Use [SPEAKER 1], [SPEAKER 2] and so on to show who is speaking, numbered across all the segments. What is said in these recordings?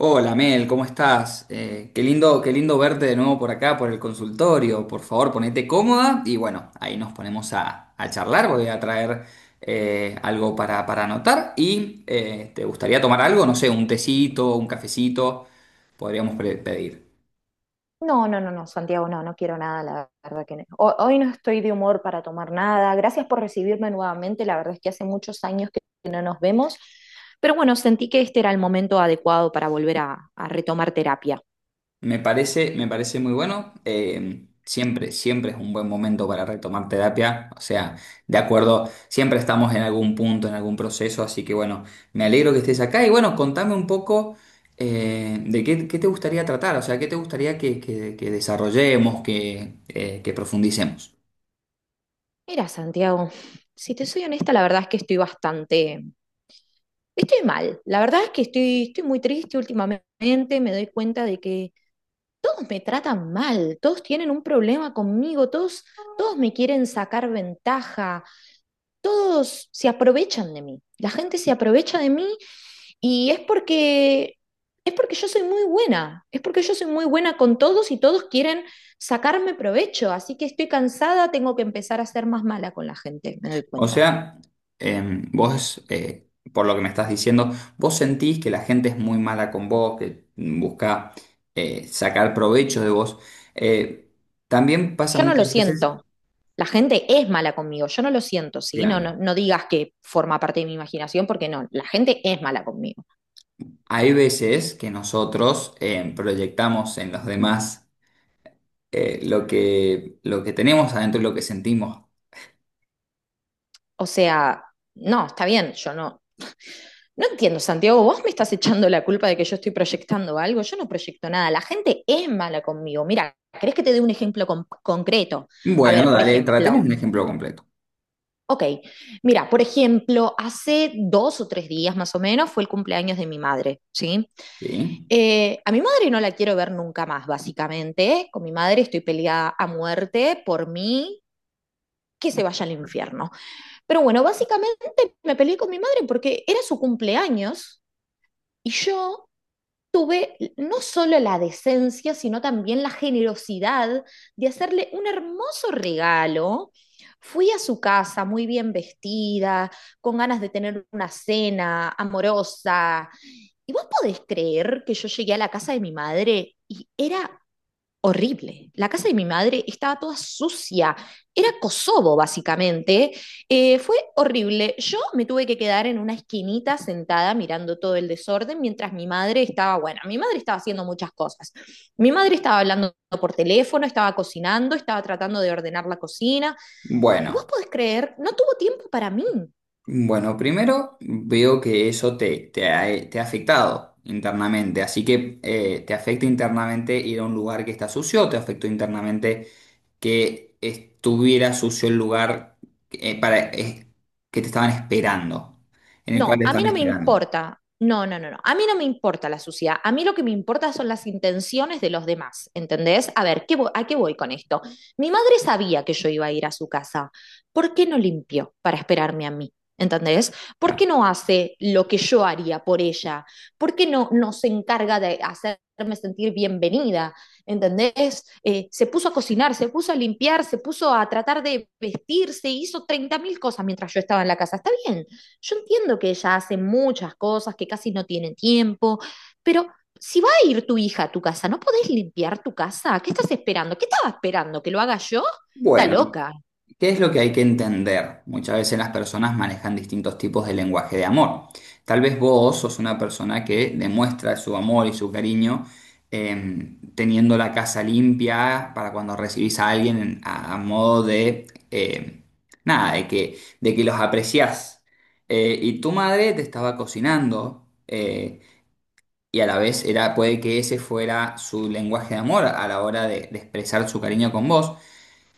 [SPEAKER 1] Hola Mel, ¿cómo estás? Qué lindo verte de nuevo por acá, por el consultorio. Por favor, ponete cómoda y bueno, ahí nos ponemos a charlar. Voy a traer algo para anotar y ¿te gustaría tomar algo? No sé, un tecito, un cafecito, pedir.
[SPEAKER 2] No, no, no, no, Santiago, no, no quiero nada, la verdad que no. Hoy no estoy de humor para tomar nada. Gracias por recibirme nuevamente. La verdad es que hace muchos años que no nos vemos, pero bueno, sentí que este era el momento adecuado para volver a retomar terapia.
[SPEAKER 1] Me parece muy bueno. Siempre es un buen momento para retomar terapia. O sea, de acuerdo, siempre estamos en algún punto, en algún proceso. Así que bueno, me alegro que estés acá. Y bueno, contame un poco qué te gustaría tratar. O sea, qué te gustaría que desarrollemos, que profundicemos.
[SPEAKER 2] Mira, Santiago, si te soy honesta, la verdad es que estoy bastante, estoy mal. La verdad es que estoy muy triste últimamente. Me doy cuenta de que todos me tratan mal, todos tienen un problema conmigo, todos me quieren sacar ventaja, todos se aprovechan de mí. La gente se aprovecha de mí y es porque yo soy muy buena, es porque yo soy muy buena con todos y todos quieren sacarme provecho, así que estoy cansada, tengo que empezar a ser más mala con la gente, me doy
[SPEAKER 1] O
[SPEAKER 2] cuenta.
[SPEAKER 1] sea, vos, por lo que me estás diciendo, vos sentís que la gente es muy mala con vos, que busca sacar provecho de vos. Eh, también pasa
[SPEAKER 2] Yo no lo
[SPEAKER 1] muchas veces,
[SPEAKER 2] siento. La gente es mala conmigo, yo no lo siento, ¿sí? No,
[SPEAKER 1] claro,
[SPEAKER 2] no, no digas que forma parte de mi imaginación, porque no, la gente es mala conmigo.
[SPEAKER 1] hay veces que nosotros proyectamos en los demás lo que tenemos adentro y lo que sentimos.
[SPEAKER 2] O sea, no, está bien, yo no, no entiendo, Santiago, vos me estás echando la culpa de que yo estoy proyectando algo, yo no proyecto nada, la gente es mala conmigo. Mira, ¿querés que te dé un ejemplo concreto? A
[SPEAKER 1] Bueno,
[SPEAKER 2] ver, por
[SPEAKER 1] dale,
[SPEAKER 2] ejemplo,
[SPEAKER 1] tratemos un ejemplo completo,
[SPEAKER 2] ok, mira, por ejemplo, hace dos o tres días más o menos fue el cumpleaños de mi madre, ¿sí?
[SPEAKER 1] ¿sí?
[SPEAKER 2] A mi madre no la quiero ver nunca más, básicamente. Con mi madre estoy peleada a muerte. Por mí, que se vaya al infierno. Pero bueno, básicamente me peleé con mi madre porque era su cumpleaños y yo tuve no solo la decencia, sino también la generosidad de hacerle un hermoso regalo. Fui a su casa muy bien vestida, con ganas de tener una cena amorosa. ¿Y vos podés creer que yo llegué a la casa de mi madre y era horrible? La casa de mi madre estaba toda sucia. Era Kosovo, básicamente. Fue horrible. Yo me tuve que quedar en una esquinita sentada mirando todo el desorden mientras mi madre estaba, bueno, mi madre estaba haciendo muchas cosas. Mi madre estaba hablando por teléfono, estaba cocinando, estaba tratando de ordenar la cocina. Y vos
[SPEAKER 1] Bueno.
[SPEAKER 2] podés creer, no tuvo tiempo para mí.
[SPEAKER 1] Bueno, primero veo que eso te ha afectado internamente, así que te afecta internamente ir a un lugar que está sucio, te afectó internamente que estuviera sucio el lugar eh, para, eh, que te estaban esperando, en el cual
[SPEAKER 2] No,
[SPEAKER 1] te
[SPEAKER 2] a mí
[SPEAKER 1] estaban
[SPEAKER 2] no me
[SPEAKER 1] esperando.
[SPEAKER 2] importa. No, no, no, no. A mí no me importa la suciedad. A mí lo que me importa son las intenciones de los demás, ¿entendés? A ver, ¿a qué voy con esto? Mi madre sabía que yo iba a ir a su casa. ¿Por qué no limpió para esperarme a mí? ¿Entendés? ¿Por
[SPEAKER 1] Ya.
[SPEAKER 2] qué no hace lo que yo haría por ella? ¿Por qué no se encarga de hacerme sentir bienvenida? ¿Entendés? Se puso a cocinar, se puso a limpiar, se puso a tratar de vestirse, hizo 30.000 cosas mientras yo estaba en la casa. Está bien, yo entiendo que ella hace muchas cosas, que casi no tiene tiempo, pero si va a ir tu hija a tu casa, ¿no podés limpiar tu casa? ¿Qué estás esperando? ¿Qué estaba esperando? ¿Que lo haga yo? Está
[SPEAKER 1] Bueno.
[SPEAKER 2] loca.
[SPEAKER 1] ¿Qué es lo que hay que entender? Muchas veces las personas manejan distintos tipos de lenguaje de amor. Tal vez vos sos una persona que demuestra su amor y su cariño teniendo la casa limpia para cuando recibís a alguien a modo de, nada, de que los apreciás. Y tu madre te estaba cocinando y a la vez era, puede que ese fuera su lenguaje de amor a la hora de expresar su cariño con vos.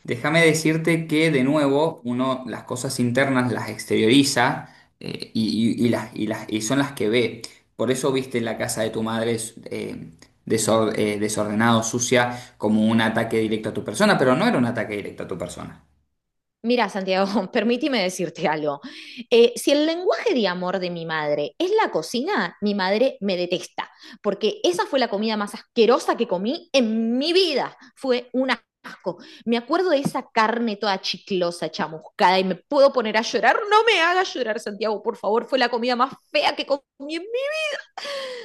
[SPEAKER 1] Déjame decirte que de nuevo uno las cosas internas las exterioriza y las, y son las que ve. Por eso viste la casa de tu madre eh, desordenado, sucia, como un ataque directo a tu persona, pero no era un ataque directo a tu persona.
[SPEAKER 2] Mira, Santiago, permíteme decirte algo. Si el lenguaje de amor de mi madre es la cocina, mi madre me detesta, porque esa fue la comida más asquerosa que comí en mi vida. Fue un asco. Me acuerdo de esa carne toda chiclosa, chamuscada, y me puedo poner a llorar. No me hagas llorar, Santiago, por favor. Fue la comida más fea que comí en...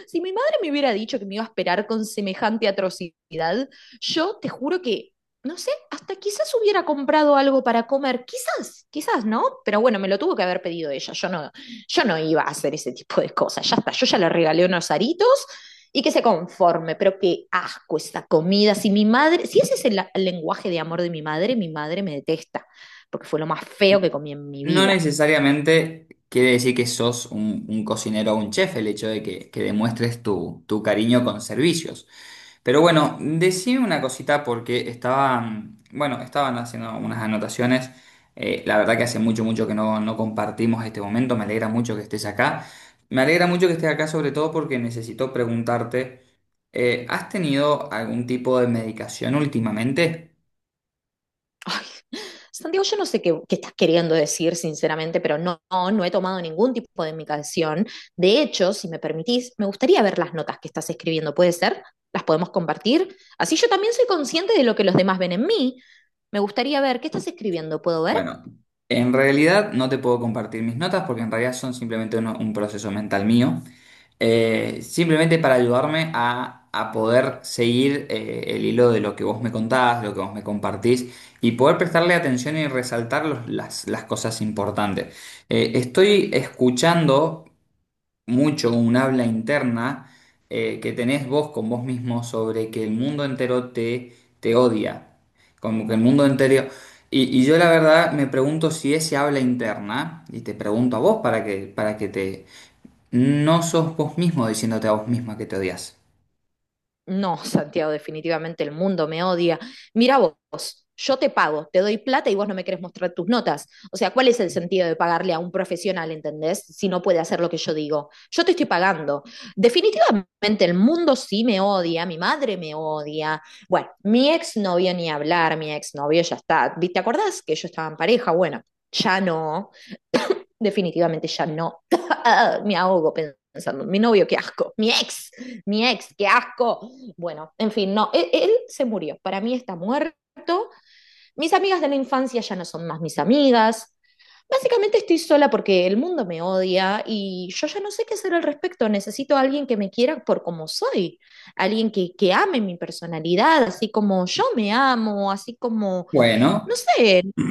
[SPEAKER 2] Si mi madre me hubiera dicho que me iba a esperar con semejante atrocidad, yo te juro que, no sé, hasta quizás hubiera comprado algo para comer, quizás, quizás no, pero bueno, me lo tuvo que haber pedido ella, yo no, yo no iba a hacer ese tipo de cosas, ya está, yo ya le regalé unos aritos y que se conforme, pero qué asco esa comida. Si mi madre, si ese es el lenguaje de amor de mi madre me detesta, porque fue lo más feo que comí en mi
[SPEAKER 1] No
[SPEAKER 2] vida.
[SPEAKER 1] necesariamente quiere decir que sos un cocinero o un chef el hecho de que demuestres tu cariño con servicios. Pero bueno, decime una cosita porque estaban, bueno, estaban haciendo unas anotaciones. La verdad que hace mucho que no compartimos este momento. Me alegra mucho que estés acá. Me alegra mucho que estés acá sobre todo porque necesito preguntarte, ¿has tenido algún tipo de medicación últimamente?
[SPEAKER 2] Ay, Santiago, yo no sé qué, qué estás queriendo decir, sinceramente, pero no, no, no he tomado ningún tipo de medicación. De hecho, si me permitís, me gustaría ver las notas que estás escribiendo. ¿Puede ser? ¿Las podemos compartir? Así yo también soy consciente de lo que los demás ven en mí. Me gustaría ver qué estás escribiendo. ¿Puedo ver?
[SPEAKER 1] Bueno, en realidad no te puedo compartir mis notas porque en realidad son simplemente un proceso mental mío. Simplemente para ayudarme a poder seguir el hilo de lo que vos me contás, de lo que vos me compartís y poder prestarle atención y resaltar las cosas importantes. Estoy escuchando mucho un habla interna que tenés vos con vos mismo sobre que el mundo entero te odia, como que el mundo entero... Y yo la verdad me pregunto si ese habla interna, y te pregunto a vos para que te no sos vos mismo diciéndote a vos misma que te odias.
[SPEAKER 2] No, Santiago, definitivamente el mundo me odia. Mira vos, yo te pago, te doy plata y vos no me querés mostrar tus notas. O sea, ¿cuál es el sentido de pagarle a un profesional, entendés? Si no puede hacer lo que yo digo. Yo te estoy pagando. Definitivamente el mundo sí me odia, mi madre me odia. Bueno, mi exnovio ni hablar, mi exnovio ya está. ¿Te acordás que yo estaba en pareja? Bueno, ya no. Definitivamente ya no. Me ahogo pensando, mi novio, qué asco. Mi ex, qué asco. Bueno, en fin, no, él se murió, para mí está muerto. Mis amigas de la infancia ya no son más mis amigas. Básicamente estoy sola porque el mundo me odia y yo ya no sé qué hacer al respecto. Necesito a alguien que me quiera por como soy, alguien que ame mi personalidad, así como yo me amo, así como, no
[SPEAKER 1] Bueno,
[SPEAKER 2] sé,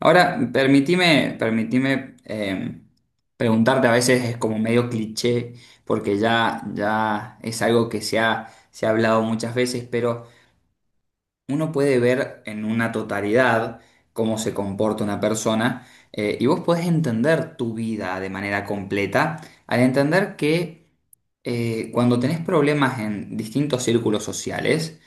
[SPEAKER 1] ahora permitime preguntarte, a veces es como medio cliché, porque ya es algo que se ha hablado muchas veces, pero uno puede ver en una totalidad cómo se comporta una persona y vos podés entender tu vida de manera completa al entender que cuando tenés problemas en distintos círculos sociales,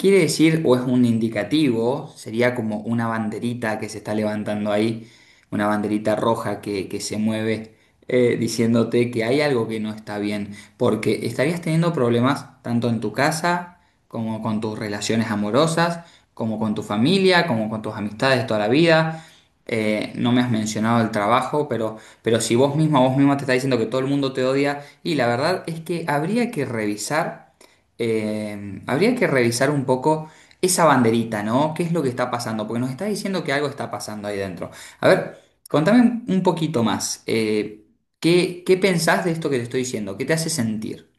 [SPEAKER 1] quiere decir, o es un indicativo, sería como una banderita que se está levantando ahí, una banderita roja que se mueve diciéndote que hay algo que no está bien, porque estarías teniendo problemas tanto en tu casa, como con tus relaciones amorosas, como con tu familia, como con tus amistades toda la vida. No me has mencionado el trabajo, pero si vos misma, vos misma te está diciendo que todo el mundo te odia, y la verdad es que habría que revisar. Habría que revisar un poco esa banderita, ¿no? ¿Qué es lo que está pasando? Porque nos está diciendo que algo está pasando ahí dentro. A ver, contame un poquito más. ¿Qué pensás de esto que te estoy diciendo? ¿Qué te hace sentir?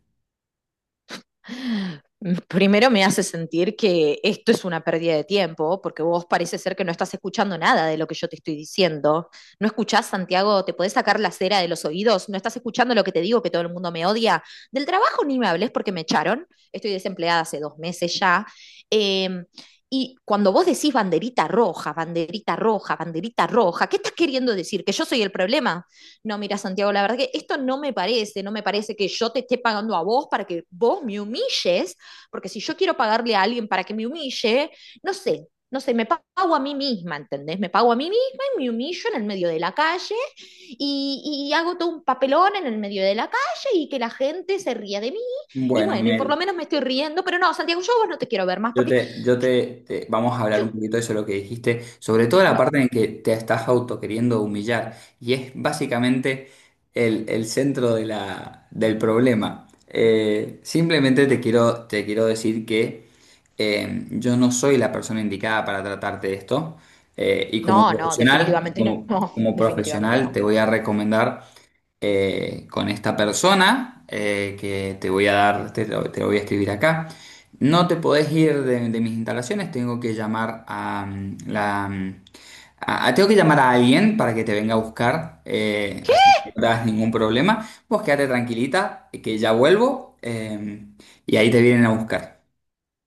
[SPEAKER 2] primero me hace sentir que esto es una pérdida de tiempo, porque vos parece ser que no estás escuchando nada de lo que yo te estoy diciendo. ¿No escuchás, Santiago? ¿Te podés sacar la cera de los oídos? ¿No estás escuchando lo que te digo, que todo el mundo me odia? Del trabajo ni me hables porque me echaron. Estoy desempleada hace dos meses ya. Eh, y cuando vos decís banderita roja, banderita roja, banderita roja, ¿qué estás queriendo decir? ¿Que yo soy el problema? No, mira, Santiago, la verdad que esto no me parece que yo te esté pagando a vos para que vos me humilles, porque si yo quiero pagarle a alguien para que me humille, no sé, me pago a mí misma, ¿entendés? Me pago a mí misma y me humillo en el medio de la calle y hago todo un papelón en el medio de la calle y que la gente se ría de mí, y
[SPEAKER 1] Bueno,
[SPEAKER 2] bueno, y por lo
[SPEAKER 1] Mel.
[SPEAKER 2] menos me estoy riendo, pero no, Santiago, yo a vos no te quiero ver más porque
[SPEAKER 1] Vamos a hablar un
[SPEAKER 2] yo,
[SPEAKER 1] poquito de eso, lo que dijiste, sobre todo la
[SPEAKER 2] no,
[SPEAKER 1] parte en que te estás auto queriendo humillar, y es básicamente el centro de del problema. Simplemente te quiero decir que yo no soy la persona indicada para tratarte de esto, y como
[SPEAKER 2] no, no,
[SPEAKER 1] profesional,
[SPEAKER 2] definitivamente
[SPEAKER 1] como,
[SPEAKER 2] no,
[SPEAKER 1] como
[SPEAKER 2] definitivamente
[SPEAKER 1] profesional
[SPEAKER 2] no.
[SPEAKER 1] te voy a recomendar con esta persona que te voy a dar, te lo voy a escribir acá. No te podés ir de mis instalaciones, tengo que llamar a la... tengo que llamar a alguien para que te venga a buscar, así que no te hagas ningún problema. Vos quédate tranquilita, que ya vuelvo, y ahí te vienen a buscar.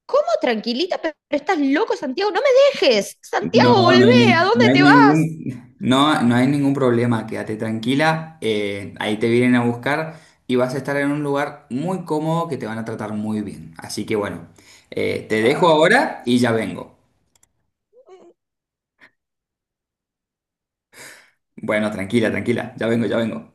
[SPEAKER 2] ¿Cómo tranquilita? Pero estás loco, Santiago, no me dejes. Santiago,
[SPEAKER 1] No, no hay,
[SPEAKER 2] volvé, ¿a
[SPEAKER 1] ni- no
[SPEAKER 2] dónde
[SPEAKER 1] hay
[SPEAKER 2] te vas?
[SPEAKER 1] ningún, no, no hay ningún problema, quédate tranquila, ahí te vienen a buscar y vas a estar en un lugar muy cómodo que te van a tratar muy bien. Así que bueno, te dejo
[SPEAKER 2] Ah.
[SPEAKER 1] ahora y ya vengo. Bueno, tranquila, tranquila, ya vengo, ya vengo.